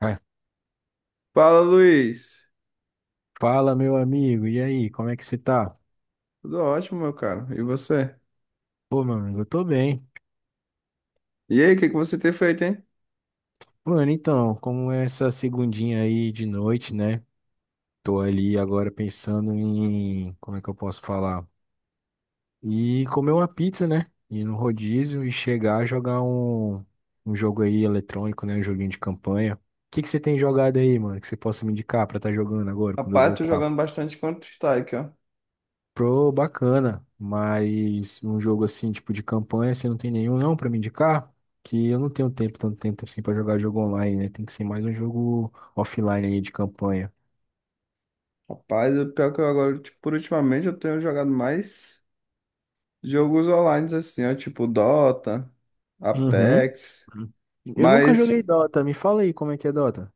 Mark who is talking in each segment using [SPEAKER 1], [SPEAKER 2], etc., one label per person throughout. [SPEAKER 1] Vai.
[SPEAKER 2] Fala, Luiz.
[SPEAKER 1] Fala, meu amigo, e aí, como é que você tá?
[SPEAKER 2] Tudo ótimo, meu caro. E você?
[SPEAKER 1] Pô, meu amigo, eu tô bem.
[SPEAKER 2] E aí, o que que você tem feito, hein?
[SPEAKER 1] Mano, então, como é essa segundinha aí de noite, né? Tô ali agora pensando em, como é que eu posso falar? E comer uma pizza, né? Ir no rodízio e chegar a jogar um, um jogo aí eletrônico, né? Um joguinho de campanha. O que que você tem jogado aí, mano, que você possa me indicar pra estar jogando agora, quando eu
[SPEAKER 2] Rapaz, tô
[SPEAKER 1] voltar?
[SPEAKER 2] jogando bastante Counter-Strike, ó.
[SPEAKER 1] Pro bacana, mas um jogo assim, tipo de campanha, você não tem nenhum não pra me indicar? Que eu não tenho tempo, tanto tempo assim pra jogar jogo online, né? Tem que ser mais um jogo offline aí de campanha.
[SPEAKER 2] Rapaz, o pior que eu agora, tipo, por ultimamente eu tenho jogado mais jogos online, assim, ó, tipo Dota,
[SPEAKER 1] Uhum.
[SPEAKER 2] Apex.
[SPEAKER 1] Eu nunca
[SPEAKER 2] Mas
[SPEAKER 1] joguei Dota, me fala aí como é que é Dota.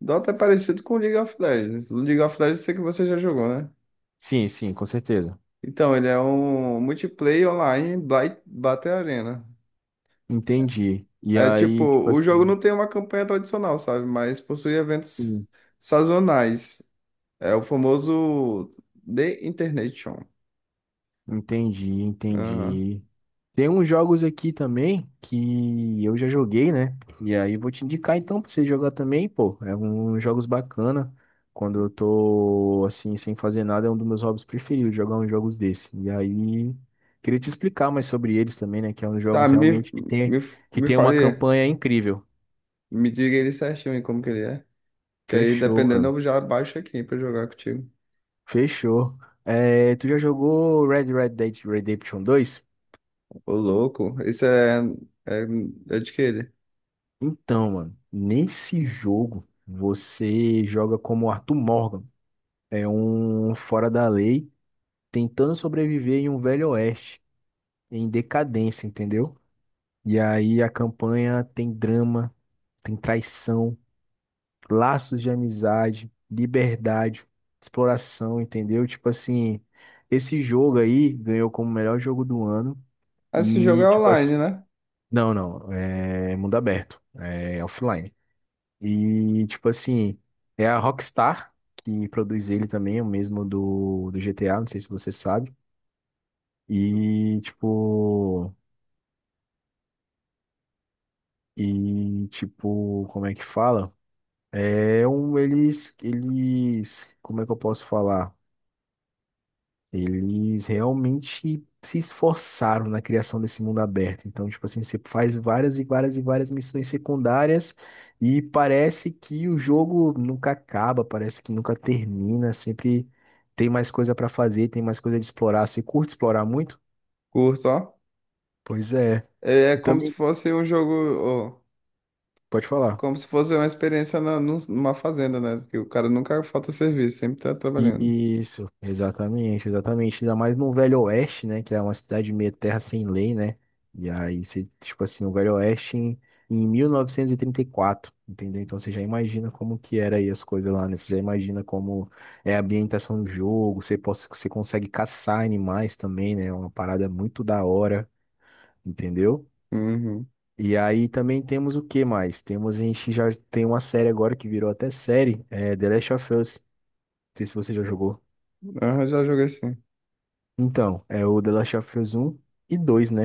[SPEAKER 2] Dota é parecido com League of Legends. League of Legends eu sei que você já jogou, né?
[SPEAKER 1] Sim, sim, com certeza.
[SPEAKER 2] Então, ele é um multiplayer online, Battle Arena.
[SPEAKER 1] Entendi. E
[SPEAKER 2] É tipo,
[SPEAKER 1] aí, tipo
[SPEAKER 2] o jogo
[SPEAKER 1] assim.
[SPEAKER 2] não tem uma campanha tradicional, sabe? Mas possui eventos sazonais. É o famoso The Internation.
[SPEAKER 1] Entendi,
[SPEAKER 2] Aham.
[SPEAKER 1] entendi. Tem uns jogos aqui também que eu já joguei, né? E aí vou te indicar então pra você jogar também, pô. É uns jogos bacana. Quando eu tô assim, sem fazer nada, é um dos meus hobbies preferidos, jogar uns jogos desse. E aí, queria te explicar mais sobre eles também, né? Que é uns
[SPEAKER 2] Tá,
[SPEAKER 1] jogos
[SPEAKER 2] me,
[SPEAKER 1] realmente
[SPEAKER 2] me,
[SPEAKER 1] que
[SPEAKER 2] me
[SPEAKER 1] tem uma
[SPEAKER 2] fale,
[SPEAKER 1] campanha incrível.
[SPEAKER 2] me diga ele certinho aí como que ele é. Que aí,
[SPEAKER 1] Fechou,
[SPEAKER 2] dependendo,
[SPEAKER 1] mano.
[SPEAKER 2] eu já baixo aqui pra jogar contigo.
[SPEAKER 1] Fechou. É, tu já jogou Red Dead Redemption dois?
[SPEAKER 2] Ô, louco, esse é, é, é de que ele?
[SPEAKER 1] Então, mano, nesse jogo você joga como Arthur Morgan, é um fora da lei, tentando sobreviver em um velho oeste, em decadência, entendeu? E aí a campanha tem drama, tem traição, laços de amizade, liberdade, exploração, entendeu? Tipo assim, esse jogo aí ganhou como melhor jogo do ano
[SPEAKER 2] Ah, esse jogo
[SPEAKER 1] e
[SPEAKER 2] é
[SPEAKER 1] tipo assim,
[SPEAKER 2] online, né?
[SPEAKER 1] não, não, é mundo aberto, é offline. E, tipo assim, é a Rockstar que produz ele também, o mesmo do GTA, não sei se você sabe. E, tipo, e, tipo, como é que fala? É um, eles, como é que eu posso falar? Eles realmente se esforçaram na criação desse mundo aberto. Então, tipo assim, você faz várias e várias e várias missões secundárias e parece que o jogo nunca acaba, parece que nunca termina, sempre tem mais coisa pra fazer, tem mais coisa de explorar. Você curte explorar muito?
[SPEAKER 2] Curto, ó.
[SPEAKER 1] Pois é.
[SPEAKER 2] É como se
[SPEAKER 1] Também
[SPEAKER 2] fosse um jogo. Ó.
[SPEAKER 1] pode falar.
[SPEAKER 2] Como se fosse uma experiência numa fazenda, né? Porque o cara nunca falta serviço, sempre tá trabalhando.
[SPEAKER 1] Isso, exatamente, exatamente. Ainda mais no Velho Oeste, né? Que é uma cidade meio terra sem lei, né? E aí, você, tipo assim, o Velho Oeste em 1934, entendeu? Então você já imagina como que era aí as coisas lá, né? Você já imagina como é a ambientação do jogo, você, possa, você consegue caçar animais também, né? É uma parada muito da hora, entendeu?
[SPEAKER 2] Uhum.
[SPEAKER 1] E aí também temos o que mais? Temos, a gente já tem uma série agora que virou até série, é The Last of Us. Não sei se você já jogou.
[SPEAKER 2] Aham, já joguei sim.
[SPEAKER 1] Então, é o The Last of Us 1 e dois, né?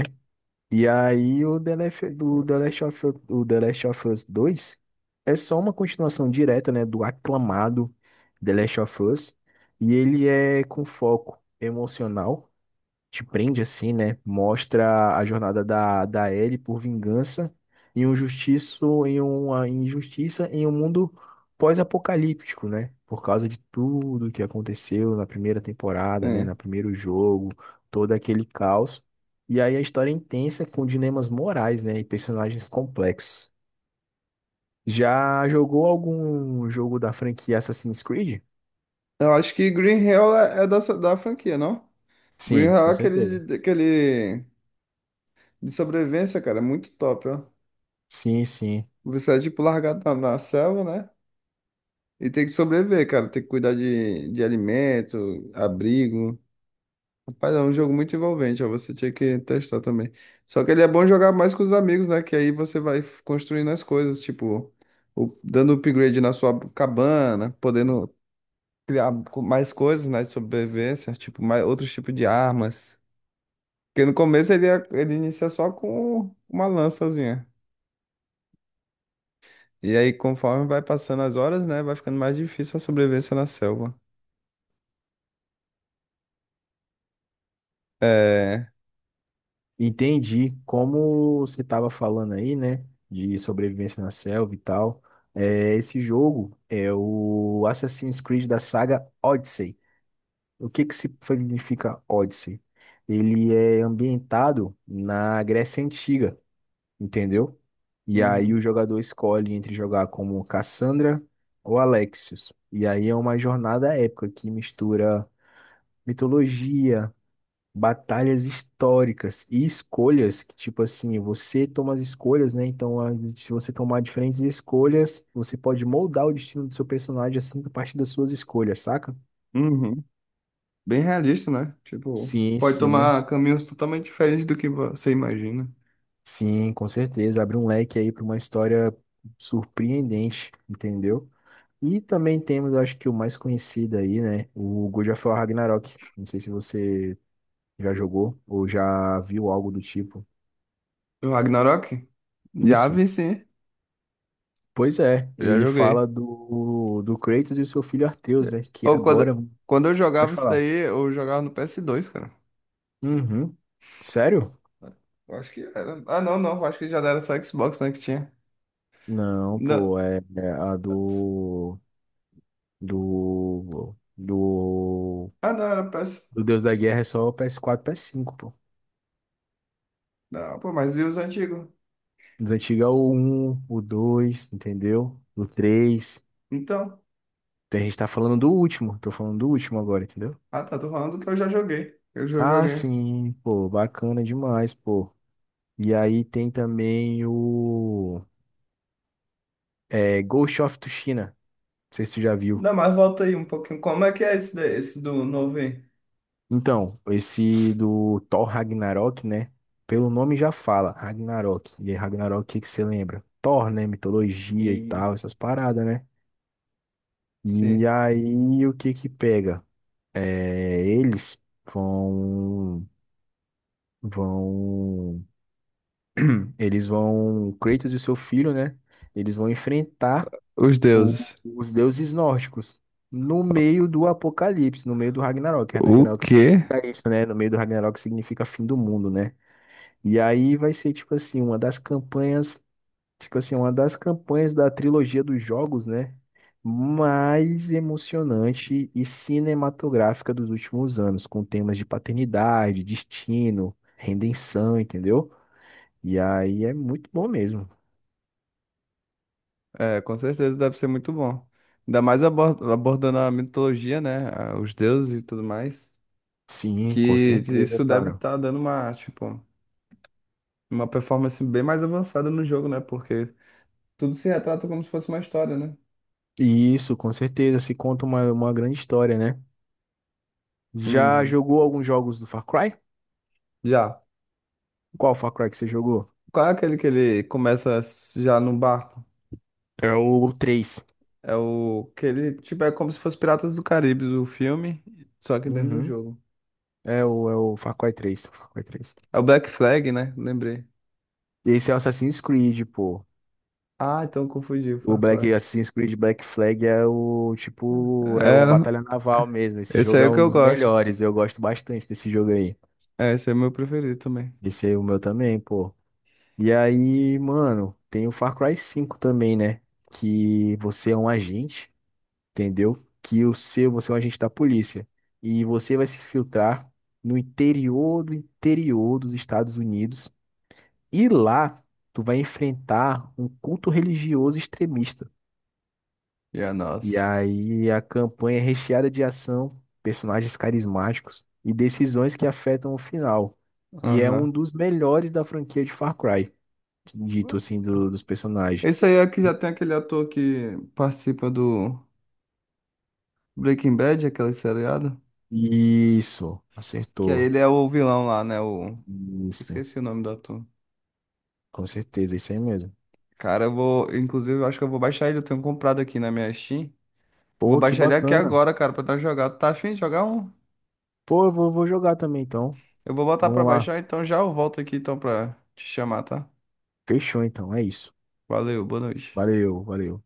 [SPEAKER 1] E aí o The Last of Us 2 é só uma continuação direta, né, do aclamado The Last of Us, e ele é com foco emocional te prende assim, né? Mostra a jornada da Ellie por vingança e um justiço em uma injustiça em um mundo pós-apocalíptico, né? Por causa de tudo que aconteceu na primeira temporada, né?
[SPEAKER 2] É.
[SPEAKER 1] Na primeiro jogo, todo aquele caos. E aí a história é intensa com dilemas morais, né? E personagens complexos. Já jogou algum jogo da franquia Assassin's Creed?
[SPEAKER 2] Eu acho que Green Hell é dessa, da franquia, não? Green
[SPEAKER 1] Sim,
[SPEAKER 2] Hell é
[SPEAKER 1] com certeza.
[SPEAKER 2] aquele de sobrevivência, cara, é muito top, ó.
[SPEAKER 1] Sim, sim.
[SPEAKER 2] Você é tipo largado na selva, né? E tem que sobreviver, cara. Tem que cuidar de alimento, abrigo. Rapaz, é um jogo muito envolvente, ó, você tinha que testar também. Só que ele é bom jogar mais com os amigos, né? Que aí você vai construindo as coisas, tipo, dando upgrade na sua cabana, podendo criar mais coisas, né, de sobrevivência, tipo, mais, outros tipos de armas. Porque no começo ele inicia só com uma lançazinha. E aí, conforme vai passando as horas, né, vai ficando mais difícil a sobrevivência na selva. É.
[SPEAKER 1] Entendi. Como você estava falando aí, né, de sobrevivência na selva e tal, é, esse jogo é o Assassin's Creed da saga Odyssey. O que que significa Odyssey? Ele é ambientado na Grécia Antiga, entendeu? E aí o
[SPEAKER 2] Uhum.
[SPEAKER 1] jogador escolhe entre jogar como Cassandra ou Alexios. E aí é uma jornada épica que mistura mitologia, batalhas históricas e escolhas, que, tipo assim, você toma as escolhas, né? Então, se você tomar diferentes escolhas, você pode moldar o destino do seu personagem assim a partir das suas escolhas, saca?
[SPEAKER 2] Uhum. Bem realista, né? Tipo,
[SPEAKER 1] Sim,
[SPEAKER 2] pode
[SPEAKER 1] sim,
[SPEAKER 2] tomar caminhos totalmente diferentes do que você imagina.
[SPEAKER 1] sim, com certeza. Abre um leque aí para uma história surpreendente, entendeu? E também temos, eu acho que o mais conhecido aí, né? O God of War Ragnarok. Não sei se você já jogou ou já viu algo do tipo.
[SPEAKER 2] O Ragnarok? Já
[SPEAKER 1] Isso.
[SPEAKER 2] vi sim,
[SPEAKER 1] Pois é,
[SPEAKER 2] eu já
[SPEAKER 1] ele fala
[SPEAKER 2] joguei.
[SPEAKER 1] do Kratos e o seu filho Arteus, né? Que
[SPEAKER 2] Ou quando,
[SPEAKER 1] agora.
[SPEAKER 2] quando eu
[SPEAKER 1] Pode
[SPEAKER 2] jogava isso
[SPEAKER 1] falar.
[SPEAKER 2] daí, eu jogava no PS2 cara.
[SPEAKER 1] Uhum. Sério?
[SPEAKER 2] Eu acho que era. Ah, não, eu acho que já era só Xbox, né, que tinha.
[SPEAKER 1] Não,
[SPEAKER 2] Não.
[SPEAKER 1] pô, é, é a do. Do. Do.
[SPEAKER 2] Ah, não, era PS.
[SPEAKER 1] Do Deus da Guerra é só o PS4, PS5, pô.
[SPEAKER 2] Não, pô, mas e os antigos?
[SPEAKER 1] Dos antigos é o um o 2 entendeu? O três.
[SPEAKER 2] Então,
[SPEAKER 1] Então a gente tá falando do último, tô falando do último agora, entendeu?
[SPEAKER 2] ah, tá, tô falando que eu já joguei. Eu já
[SPEAKER 1] Ah,
[SPEAKER 2] joguei.
[SPEAKER 1] sim, pô, bacana demais, pô. E aí tem também o. É, Ghost of Tsushima. Não sei se tu já viu.
[SPEAKER 2] Não, mas volta aí um pouquinho. Como é que é esse, daí, esse do novo aí?
[SPEAKER 1] Então, esse do Thor Ragnarok, né? Pelo nome já fala, Ragnarok. E aí, Ragnarok, o que que você lembra? Thor, né? Mitologia e tal, essas paradas, né? E
[SPEAKER 2] Sim.
[SPEAKER 1] aí, o que que pega? É, vão, vão, eles vão, Kratos e o seu filho, né? Eles vão enfrentar
[SPEAKER 2] Os
[SPEAKER 1] o-
[SPEAKER 2] deuses.
[SPEAKER 1] os deuses nórdicos, no meio do Apocalipse, no meio do Ragnarok.
[SPEAKER 2] O
[SPEAKER 1] Ragnarok
[SPEAKER 2] quê?
[SPEAKER 1] significa isso, né? No meio do Ragnarok significa fim do mundo, né? E aí vai ser, tipo assim, uma das campanhas da trilogia dos jogos, né? Mais emocionante e cinematográfica dos últimos anos, com temas de paternidade, destino, redenção, entendeu? E aí é muito bom mesmo.
[SPEAKER 2] É, com certeza deve ser muito bom. Ainda mais abordando a mitologia, né? Os deuses e tudo mais.
[SPEAKER 1] Sim, com
[SPEAKER 2] Que
[SPEAKER 1] certeza,
[SPEAKER 2] isso deve
[SPEAKER 1] cara.
[SPEAKER 2] estar dando uma, tipo, uma performance bem mais avançada no jogo, né? Porque tudo se retrata como se fosse uma história, né?
[SPEAKER 1] Isso, com certeza, se conta uma grande história, né? Já
[SPEAKER 2] Uhum.
[SPEAKER 1] jogou alguns jogos do Far Cry?
[SPEAKER 2] Já.
[SPEAKER 1] Qual Far Cry que você jogou?
[SPEAKER 2] Qual é aquele que ele começa já no barco?
[SPEAKER 1] É o 3.
[SPEAKER 2] É o que ele, tipo, é como se fosse Piratas do Caribe, o filme, só que dentro do
[SPEAKER 1] Uhum.
[SPEAKER 2] jogo.
[SPEAKER 1] É o Far Cry 3. Far Cry 3.
[SPEAKER 2] É o Black Flag, né? Lembrei.
[SPEAKER 1] Esse é o Assassin's Creed, pô.
[SPEAKER 2] Ah, então eu confundi o
[SPEAKER 1] O
[SPEAKER 2] Far Cry.
[SPEAKER 1] Black Assassin's Creed Black Flag é o tipo, é o
[SPEAKER 2] É,
[SPEAKER 1] Batalha Naval mesmo. Esse
[SPEAKER 2] esse
[SPEAKER 1] jogo
[SPEAKER 2] aí é
[SPEAKER 1] é
[SPEAKER 2] o que
[SPEAKER 1] um
[SPEAKER 2] eu
[SPEAKER 1] dos
[SPEAKER 2] gosto.
[SPEAKER 1] melhores. Eu gosto bastante desse jogo aí.
[SPEAKER 2] É, esse aí é meu preferido também.
[SPEAKER 1] Esse aí é o meu também, pô. E aí, mano, tem o Far Cry 5 também, né? Que você é um agente. Entendeu? Que o seu, você é um agente da polícia. E você vai se filtrar no interior do interior dos Estados Unidos. E lá, tu vai enfrentar um culto religioso extremista.
[SPEAKER 2] E a
[SPEAKER 1] E
[SPEAKER 2] nossa.
[SPEAKER 1] aí a campanha é recheada de ação, personagens carismáticos e decisões que afetam o final. E é um
[SPEAKER 2] Aham.
[SPEAKER 1] dos melhores da franquia de Far Cry, dito assim, dos personagens.
[SPEAKER 2] Esse aí é que já tem aquele ator que participa do Breaking Bad, aquele seriado.
[SPEAKER 1] Isso,
[SPEAKER 2] Que aí
[SPEAKER 1] acertou.
[SPEAKER 2] ele é o vilão lá, né? O...
[SPEAKER 1] Isso,
[SPEAKER 2] Esqueci o nome do ator.
[SPEAKER 1] com certeza, isso aí mesmo.
[SPEAKER 2] Cara, eu vou. Inclusive, eu acho que eu vou baixar ele. Eu tenho comprado aqui na minha Steam. Vou
[SPEAKER 1] Pô, que
[SPEAKER 2] baixar ele aqui
[SPEAKER 1] bacana.
[SPEAKER 2] agora, cara, pra nós jogar. Tá afim de jogar um?
[SPEAKER 1] Pô, eu vou jogar também, então.
[SPEAKER 2] Eu vou botar pra
[SPEAKER 1] Vamos lá.
[SPEAKER 2] baixar, então já eu volto aqui então pra te chamar, tá?
[SPEAKER 1] Fechou, então. É isso.
[SPEAKER 2] Valeu, boa noite.
[SPEAKER 1] Valeu, valeu.